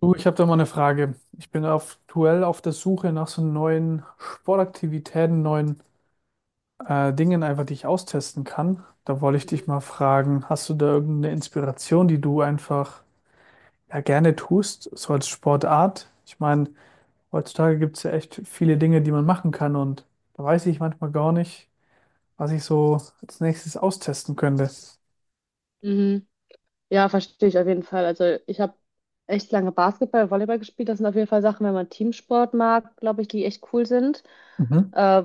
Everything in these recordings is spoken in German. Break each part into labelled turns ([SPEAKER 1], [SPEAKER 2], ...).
[SPEAKER 1] Du, ich habe da mal eine Frage. Ich bin aktuell auf der Suche nach so neuen Sportaktivitäten, neuen Dingen einfach, die ich austesten kann. Da wollte ich dich
[SPEAKER 2] Mhm.
[SPEAKER 1] mal fragen, hast du da irgendeine Inspiration, die du einfach ja, gerne tust, so als Sportart? Ich meine, heutzutage gibt es ja echt viele Dinge, die man machen kann, und da weiß ich manchmal gar nicht, was ich so als nächstes austesten könnte.
[SPEAKER 2] Mhm. Ja, verstehe ich auf jeden Fall. Also ich habe echt lange Basketball, Volleyball gespielt. Das sind auf jeden Fall Sachen, wenn man Teamsport mag, glaube ich, die echt cool sind.
[SPEAKER 1] Mhm.
[SPEAKER 2] Äh,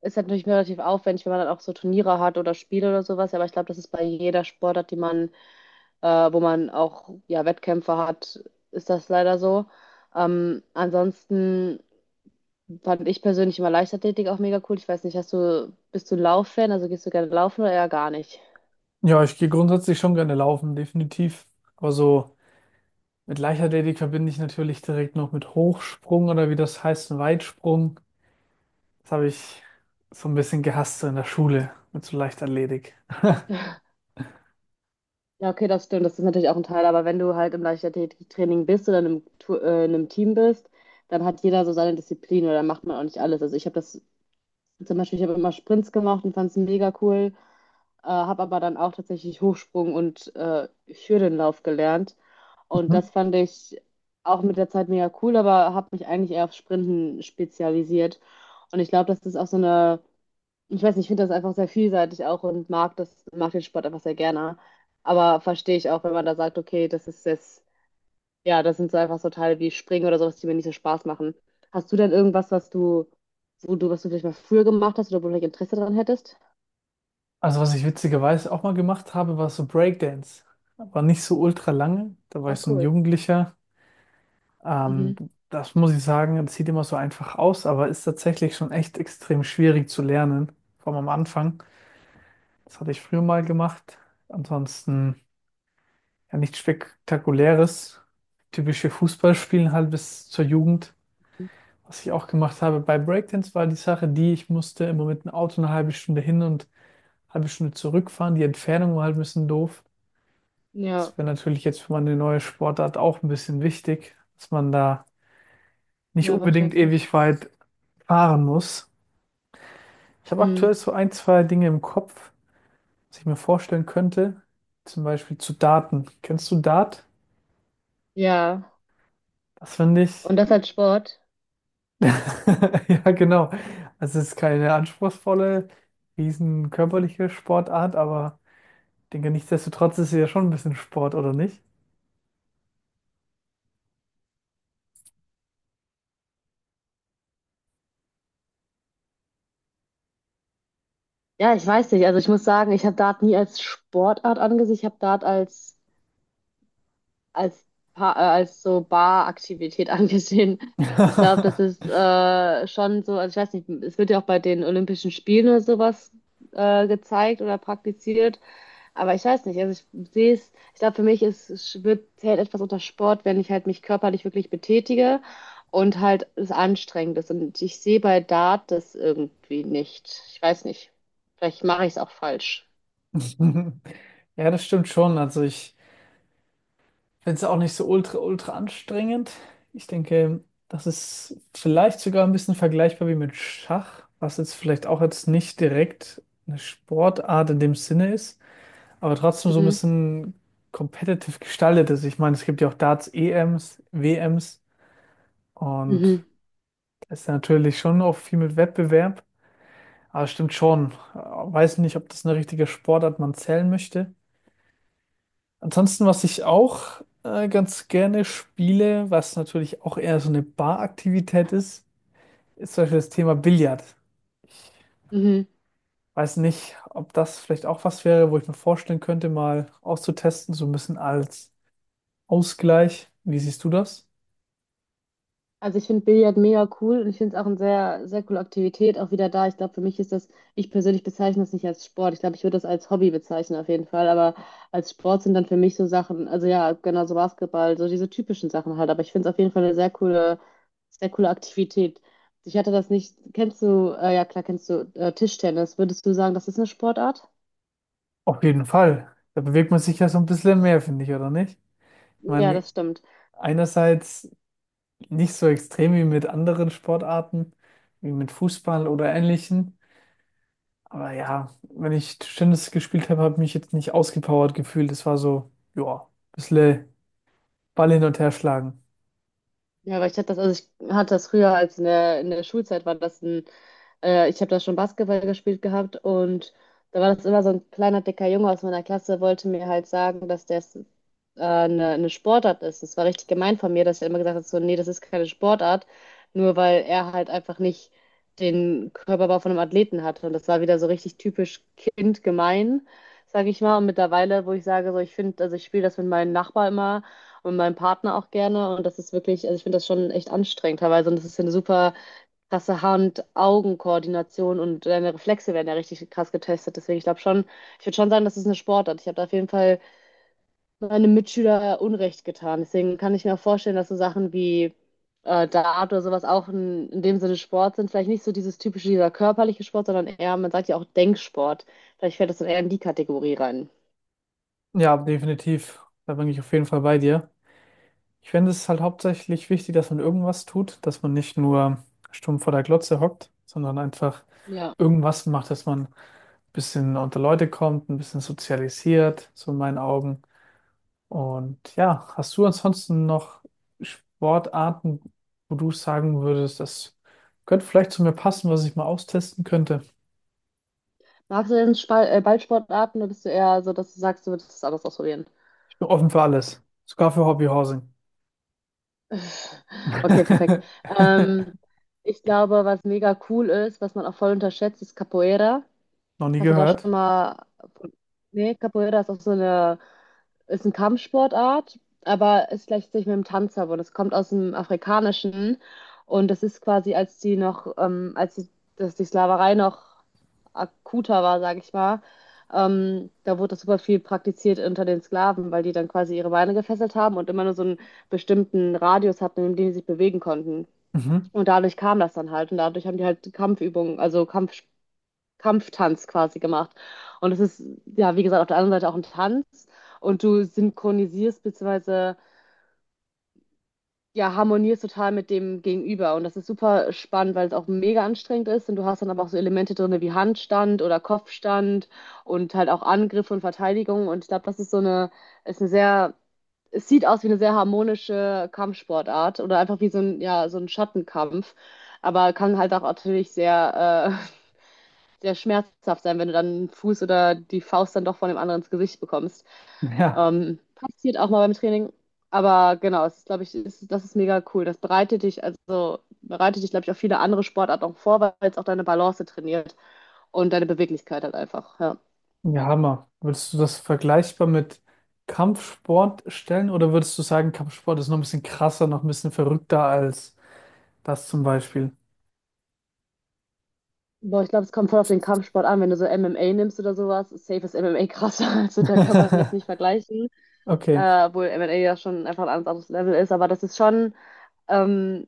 [SPEAKER 2] Ist halt natürlich relativ aufwendig, wenn man dann auch so Turniere hat oder Spiele oder sowas. Aber ich glaube, das ist bei jeder Sportart, die man, äh, wo man auch ja Wettkämpfe hat, ist das leider so. Ansonsten fand ich persönlich immer Leichtathletik auch mega cool. Ich weiß nicht, hast du, bist du Lauffan? Also gehst du gerne laufen oder eher gar nicht?
[SPEAKER 1] Ja, ich gehe grundsätzlich schon gerne laufen, definitiv. Aber so: mit Leichtathletik verbinde ich natürlich direkt noch mit Hochsprung oder wie das heißt, Weitsprung. Das habe ich so ein bisschen gehasst so in der Schule mit so Leichtathletik.
[SPEAKER 2] Ja, okay, das stimmt. Das ist natürlich auch ein Teil. Aber wenn du halt im Leichtathletiktraining bist oder in einem, in einem Team bist, dann hat jeder so seine Disziplin oder dann macht man auch nicht alles. Also ich habe das zum Beispiel, ich habe immer Sprints gemacht und fand es mega cool, habe aber dann auch tatsächlich Hochsprung und Hürdenlauf gelernt. Und
[SPEAKER 1] Mhm.
[SPEAKER 2] das fand ich auch mit der Zeit mega cool, aber habe mich eigentlich eher auf Sprinten spezialisiert. Und ich glaube, das ist auch so eine, ich weiß nicht, ich finde das einfach sehr vielseitig auch und mag das, mag den Sport einfach sehr gerne. Aber verstehe ich auch, wenn man da sagt, okay, das ist jetzt, ja, das sind so einfach so Teile wie Springen oder sowas, die mir nicht so Spaß machen. Hast du denn irgendwas, was du, wo du, was du vielleicht mal früher gemacht hast oder wo du vielleicht Interesse daran hättest?
[SPEAKER 1] Also was ich witzigerweise auch mal gemacht habe, war so Breakdance. Aber nicht so ultra lange. Da war
[SPEAKER 2] Ah,
[SPEAKER 1] ich so ein
[SPEAKER 2] cool.
[SPEAKER 1] Jugendlicher. Ähm,
[SPEAKER 2] Mhm.
[SPEAKER 1] das muss ich sagen, das sieht immer so einfach aus, aber ist tatsächlich schon echt extrem schwierig zu lernen. Vor allem am Anfang. Das hatte ich früher mal gemacht. Ansonsten, ja, nichts Spektakuläres. Typische Fußballspielen halt bis zur Jugend. Was ich auch gemacht habe bei Breakdance, war die Sache, die ich musste immer mit dem Auto eine halbe Stunde hin und eine halbe Stunde zurückfahren. Die Entfernung war halt ein bisschen doof. Das
[SPEAKER 2] Ja,
[SPEAKER 1] wäre natürlich jetzt für meine neue Sportart auch ein bisschen wichtig, dass man da nicht
[SPEAKER 2] ja,
[SPEAKER 1] unbedingt
[SPEAKER 2] verständlich.
[SPEAKER 1] ewig weit fahren muss. Ich habe
[SPEAKER 2] Mhm.
[SPEAKER 1] aktuell so ein, zwei Dinge im Kopf, was ich mir vorstellen könnte. Zum Beispiel zu Darten. Kennst du Dart?
[SPEAKER 2] Ja.
[SPEAKER 1] Das finde ich.
[SPEAKER 2] Und das als Sport?
[SPEAKER 1] Ja, genau. Also es ist keine anspruchsvolle, riesen körperliche Sportart, aber ich denke, nichtsdestotrotz ist sie ja schon ein bisschen Sport, oder nicht?
[SPEAKER 2] Ja, ich weiß nicht. Also ich muss sagen, ich habe Dart nie als Sportart angesehen. Ich habe Dart als als, als so Baraktivität angesehen. Ich glaube, das ist schon so, also ich weiß nicht, es wird ja auch bei den Olympischen Spielen oder sowas gezeigt oder praktiziert, aber ich weiß nicht, also ich sehe es, ich glaube, für mich ist, es wird, zählt etwas unter Sport, wenn ich halt mich körperlich wirklich betätige und halt es anstrengend ist. Und ich sehe bei Dart das irgendwie nicht. Ich weiß nicht, vielleicht mache ich es auch falsch.
[SPEAKER 1] Ja, das stimmt schon. Also ich finde es auch nicht so ultra, ultra anstrengend. Ich denke, das ist vielleicht sogar ein bisschen vergleichbar wie mit Schach, was jetzt vielleicht auch jetzt nicht direkt eine Sportart in dem Sinne ist, aber trotzdem so ein
[SPEAKER 2] Mhm.
[SPEAKER 1] bisschen competitive gestaltet ist. Ich meine, es gibt ja auch Darts-EMs, WMs. Und
[SPEAKER 2] Mhm.
[SPEAKER 1] da ist ja natürlich schon auch viel mit Wettbewerb. Aber stimmt schon. Weiß nicht, ob das eine richtige Sportart man zählen möchte. Ansonsten, was ich auch ganz gerne spiele, was natürlich auch eher so eine Baraktivität ist, ist zum Beispiel das Thema Billard.
[SPEAKER 2] Mhm.
[SPEAKER 1] Ich weiß nicht, ob das vielleicht auch was wäre, wo ich mir vorstellen könnte, mal auszutesten, so ein bisschen als Ausgleich. Wie siehst du das?
[SPEAKER 2] Also ich finde Billard mega cool und ich finde es auch eine sehr, sehr coole Aktivität, auch wieder da. Ich glaube, für mich ist das, ich persönlich bezeichne das nicht als Sport. Ich glaube, ich würde das als Hobby bezeichnen auf jeden Fall, aber als Sport sind dann für mich so Sachen, also ja, genau so Basketball, so diese typischen Sachen halt. Aber ich finde es auf jeden Fall eine sehr coole Aktivität. Ich hatte das nicht, kennst du, ja klar, kennst du Tischtennis. Würdest du sagen, das ist eine Sportart?
[SPEAKER 1] Auf jeden Fall. Da bewegt man sich ja so ein bisschen mehr, finde ich, oder nicht? Ich
[SPEAKER 2] Ja,
[SPEAKER 1] meine,
[SPEAKER 2] das stimmt.
[SPEAKER 1] einerseits nicht so extrem wie mit anderen Sportarten, wie mit Fußball oder ähnlichen. Aber ja, wenn ich Tischtennis gespielt habe, habe ich mich jetzt nicht ausgepowert gefühlt. Es war so, ja, ein bisschen Ball hin und her schlagen.
[SPEAKER 2] Ja, aber ich hatte das, also ich hatte das früher als in der Schulzeit war das ein, ich habe da schon Basketball gespielt gehabt und da war das immer so ein kleiner, dicker Junge aus meiner Klasse, wollte mir halt sagen, dass das eine Sportart ist. Das war richtig gemein von mir, dass er immer gesagt hat, so, nee, das ist keine Sportart, nur weil er halt einfach nicht den Körperbau von einem Athleten hatte. Und das war wieder so richtig typisch kindgemein, sage ich mal. Und mittlerweile, wo ich sage, so, ich finde, also ich spiele das mit meinen Nachbarn immer und meinem Partner auch gerne. Und das ist wirklich, also ich finde das schon echt anstrengend teilweise. Und das ist ja eine super krasse Hand-Augen-Koordination und deine Reflexe werden ja richtig krass getestet. Deswegen, ich glaube schon, ich würde schon sagen, das ist eine Sportart. Ich habe da auf jeden Fall meinem Mitschüler Unrecht getan. Deswegen kann ich mir auch vorstellen, dass so Sachen wie Dart oder sowas auch in dem Sinne Sport sind. Vielleicht nicht so dieses typische, dieser körperliche Sport, sondern eher, man sagt ja auch Denksport. Vielleicht fällt das dann eher in die Kategorie rein.
[SPEAKER 1] Ja, definitiv. Da bin ich auf jeden Fall bei dir. Ich finde es halt hauptsächlich wichtig, dass man irgendwas tut, dass man nicht nur stumm vor der Glotze hockt, sondern einfach
[SPEAKER 2] Ja,
[SPEAKER 1] irgendwas macht, dass man ein bisschen unter Leute kommt, ein bisschen sozialisiert, so in meinen Augen. Und ja, hast du ansonsten noch Sportarten, wo du sagen würdest, das könnte vielleicht zu mir passen, was ich mal austesten könnte?
[SPEAKER 2] magst du denn Spal Ballsportarten oder bist du eher so, dass du sagst, du würdest das alles ausprobieren?
[SPEAKER 1] Ich bin offen für alles, sogar für Hobbyhousing.
[SPEAKER 2] Okay, perfekt. Ähm, Ich glaube, was mega cool ist, was man auch voll unterschätzt, ist Capoeira.
[SPEAKER 1] Noch nie
[SPEAKER 2] Hast du da schon
[SPEAKER 1] gehört.
[SPEAKER 2] mal. Nee, Capoeira ist auch so eine. Ist eine Kampfsportart, aber es gleicht sich mit dem Tanz ab und es kommt aus dem Afrikanischen. Und das ist quasi, als die noch. Als die, dass die Sklaverei noch akuter war, sage ich mal. Da wurde das super viel praktiziert unter den Sklaven, weil die dann quasi ihre Beine gefesselt haben und immer nur so einen bestimmten Radius hatten, in dem die sich bewegen konnten.
[SPEAKER 1] Mhm.
[SPEAKER 2] Und dadurch kam das dann halt. Und dadurch haben die halt Kampfübungen, also Kampftanz quasi gemacht. Und es ist, ja, wie gesagt, auf der anderen Seite auch ein Tanz und du synchronisierst bzw. ja, harmonierst total mit dem Gegenüber. Und das ist super spannend, weil es auch mega anstrengend ist und du hast dann aber auch so Elemente drin wie Handstand oder Kopfstand und halt auch Angriff und Verteidigung. Und ich glaube, das ist so eine, ist eine sehr, es sieht aus wie eine sehr harmonische Kampfsportart oder einfach wie so ein, ja, so ein Schattenkampf. Aber kann halt auch natürlich sehr sehr schmerzhaft sein, wenn du dann einen Fuß oder die Faust dann doch von dem anderen ins Gesicht bekommst.
[SPEAKER 1] Ja,
[SPEAKER 2] Passiert auch mal beim Training. Aber genau, es ist, glaube ich, ist, das ist mega cool. Das bereitet dich, also bereitet dich, glaube ich, auf viele andere Sportarten auch vor, weil es auch deine Balance trainiert und deine Beweglichkeit halt einfach. Ja.
[SPEAKER 1] ja, Hammer. Würdest du das vergleichbar mit Kampfsport stellen oder würdest du sagen, Kampfsport ist noch ein bisschen krasser, noch ein bisschen verrückter als das zum Beispiel?
[SPEAKER 2] Boah, ich glaube, es kommt voll auf den Kampfsport an. Wenn du so MMA nimmst oder sowas, ist safe ist MMA krasser. Also da kann man das nicht vergleichen.
[SPEAKER 1] Okay.
[SPEAKER 2] Obwohl MMA ja schon einfach ein ganz anderes Level ist. Aber das ist schon, ähm,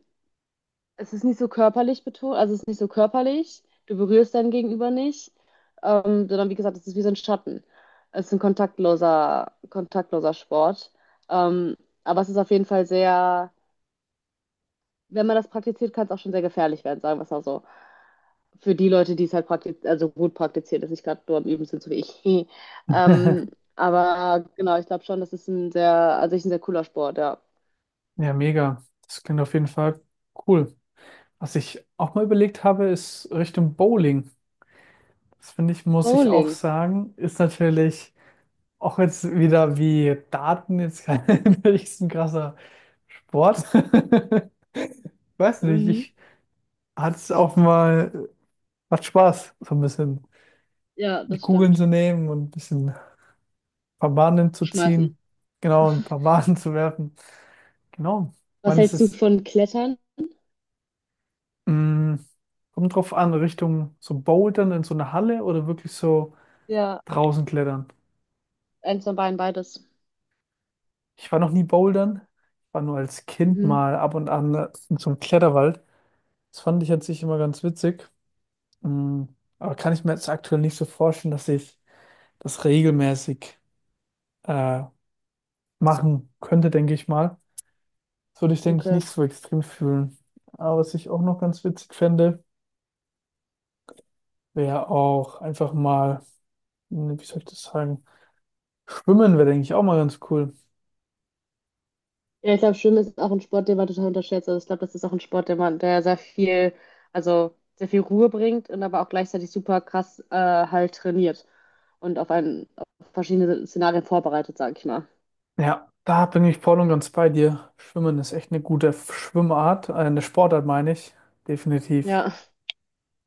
[SPEAKER 2] es ist nicht so körperlich betont, also es ist nicht so körperlich. Du berührst dein Gegenüber nicht, sondern wie gesagt, es ist wie so ein Schatten. Es ist ein kontaktloser, kontaktloser Sport. Ähm, aber es ist auf jeden Fall sehr, wenn man das praktiziert, kann es auch schon sehr gefährlich werden, sagen wir es mal so. Für die Leute, die es halt praktiz also gut praktizieren, dass ich gerade nur am Üben sind, so wie ich. Ähm, aber genau, ich glaube schon, das ist ein sehr, an sich ein sehr cooler Sport, ja.
[SPEAKER 1] Ja, mega. Das klingt auf jeden Fall cool. Was ich auch mal überlegt habe, ist Richtung Bowling. Das finde ich, muss ich auch
[SPEAKER 2] Bowling.
[SPEAKER 1] sagen, ist natürlich auch jetzt wieder wie Daten jetzt kein richtig krasser Sport. Ich weiß nicht,
[SPEAKER 2] Mhm.
[SPEAKER 1] ich hatte es auch mal, macht Spaß, so ein bisschen
[SPEAKER 2] Ja,
[SPEAKER 1] die
[SPEAKER 2] das
[SPEAKER 1] Kugeln zu
[SPEAKER 2] stimmt.
[SPEAKER 1] nehmen und ein bisschen ein paar Bahnen
[SPEAKER 2] Zu
[SPEAKER 1] zu
[SPEAKER 2] schmeißen.
[SPEAKER 1] ziehen. Genau, ein paar Bahnen zu werfen. Genau. Ich
[SPEAKER 2] Was
[SPEAKER 1] meine, es
[SPEAKER 2] hältst du
[SPEAKER 1] ist,
[SPEAKER 2] von Klettern?
[SPEAKER 1] mh, kommt drauf an, Richtung so Bouldern in so eine Halle oder wirklich so
[SPEAKER 2] Ja,
[SPEAKER 1] draußen klettern.
[SPEAKER 2] eins von beiden, beides.
[SPEAKER 1] Ich war noch nie bouldern. Ich war nur als Kind
[SPEAKER 2] Mhm.
[SPEAKER 1] mal ab und an in so einem Kletterwald. Das fand ich an sich immer ganz witzig. Mm, Aber kann ich mir jetzt aktuell nicht so vorstellen, dass ich das regelmäßig äh, machen könnte, denke ich mal. Das würde ich, denke ich,
[SPEAKER 2] Okay.
[SPEAKER 1] nicht so extrem fühlen. Aber was ich auch noch ganz witzig fände, wäre auch einfach mal, hm, wie soll ich das sagen, schwimmen wäre, denke ich, auch mal ganz cool.
[SPEAKER 2] Ja, ich glaube, Schwimmen ist auch ein Sport, den man total unterschätzt. Also ich glaube, das ist auch ein Sport, der man, der sehr viel, also sehr viel Ruhe bringt und aber auch gleichzeitig super krass halt trainiert und auf einen auf verschiedene Szenarien vorbereitet, sage ich mal.
[SPEAKER 1] Ja, da bin ich voll und ganz bei dir. Schwimmen ist echt eine gute Schwimmart, eine Sportart meine ich, definitiv.
[SPEAKER 2] Ja.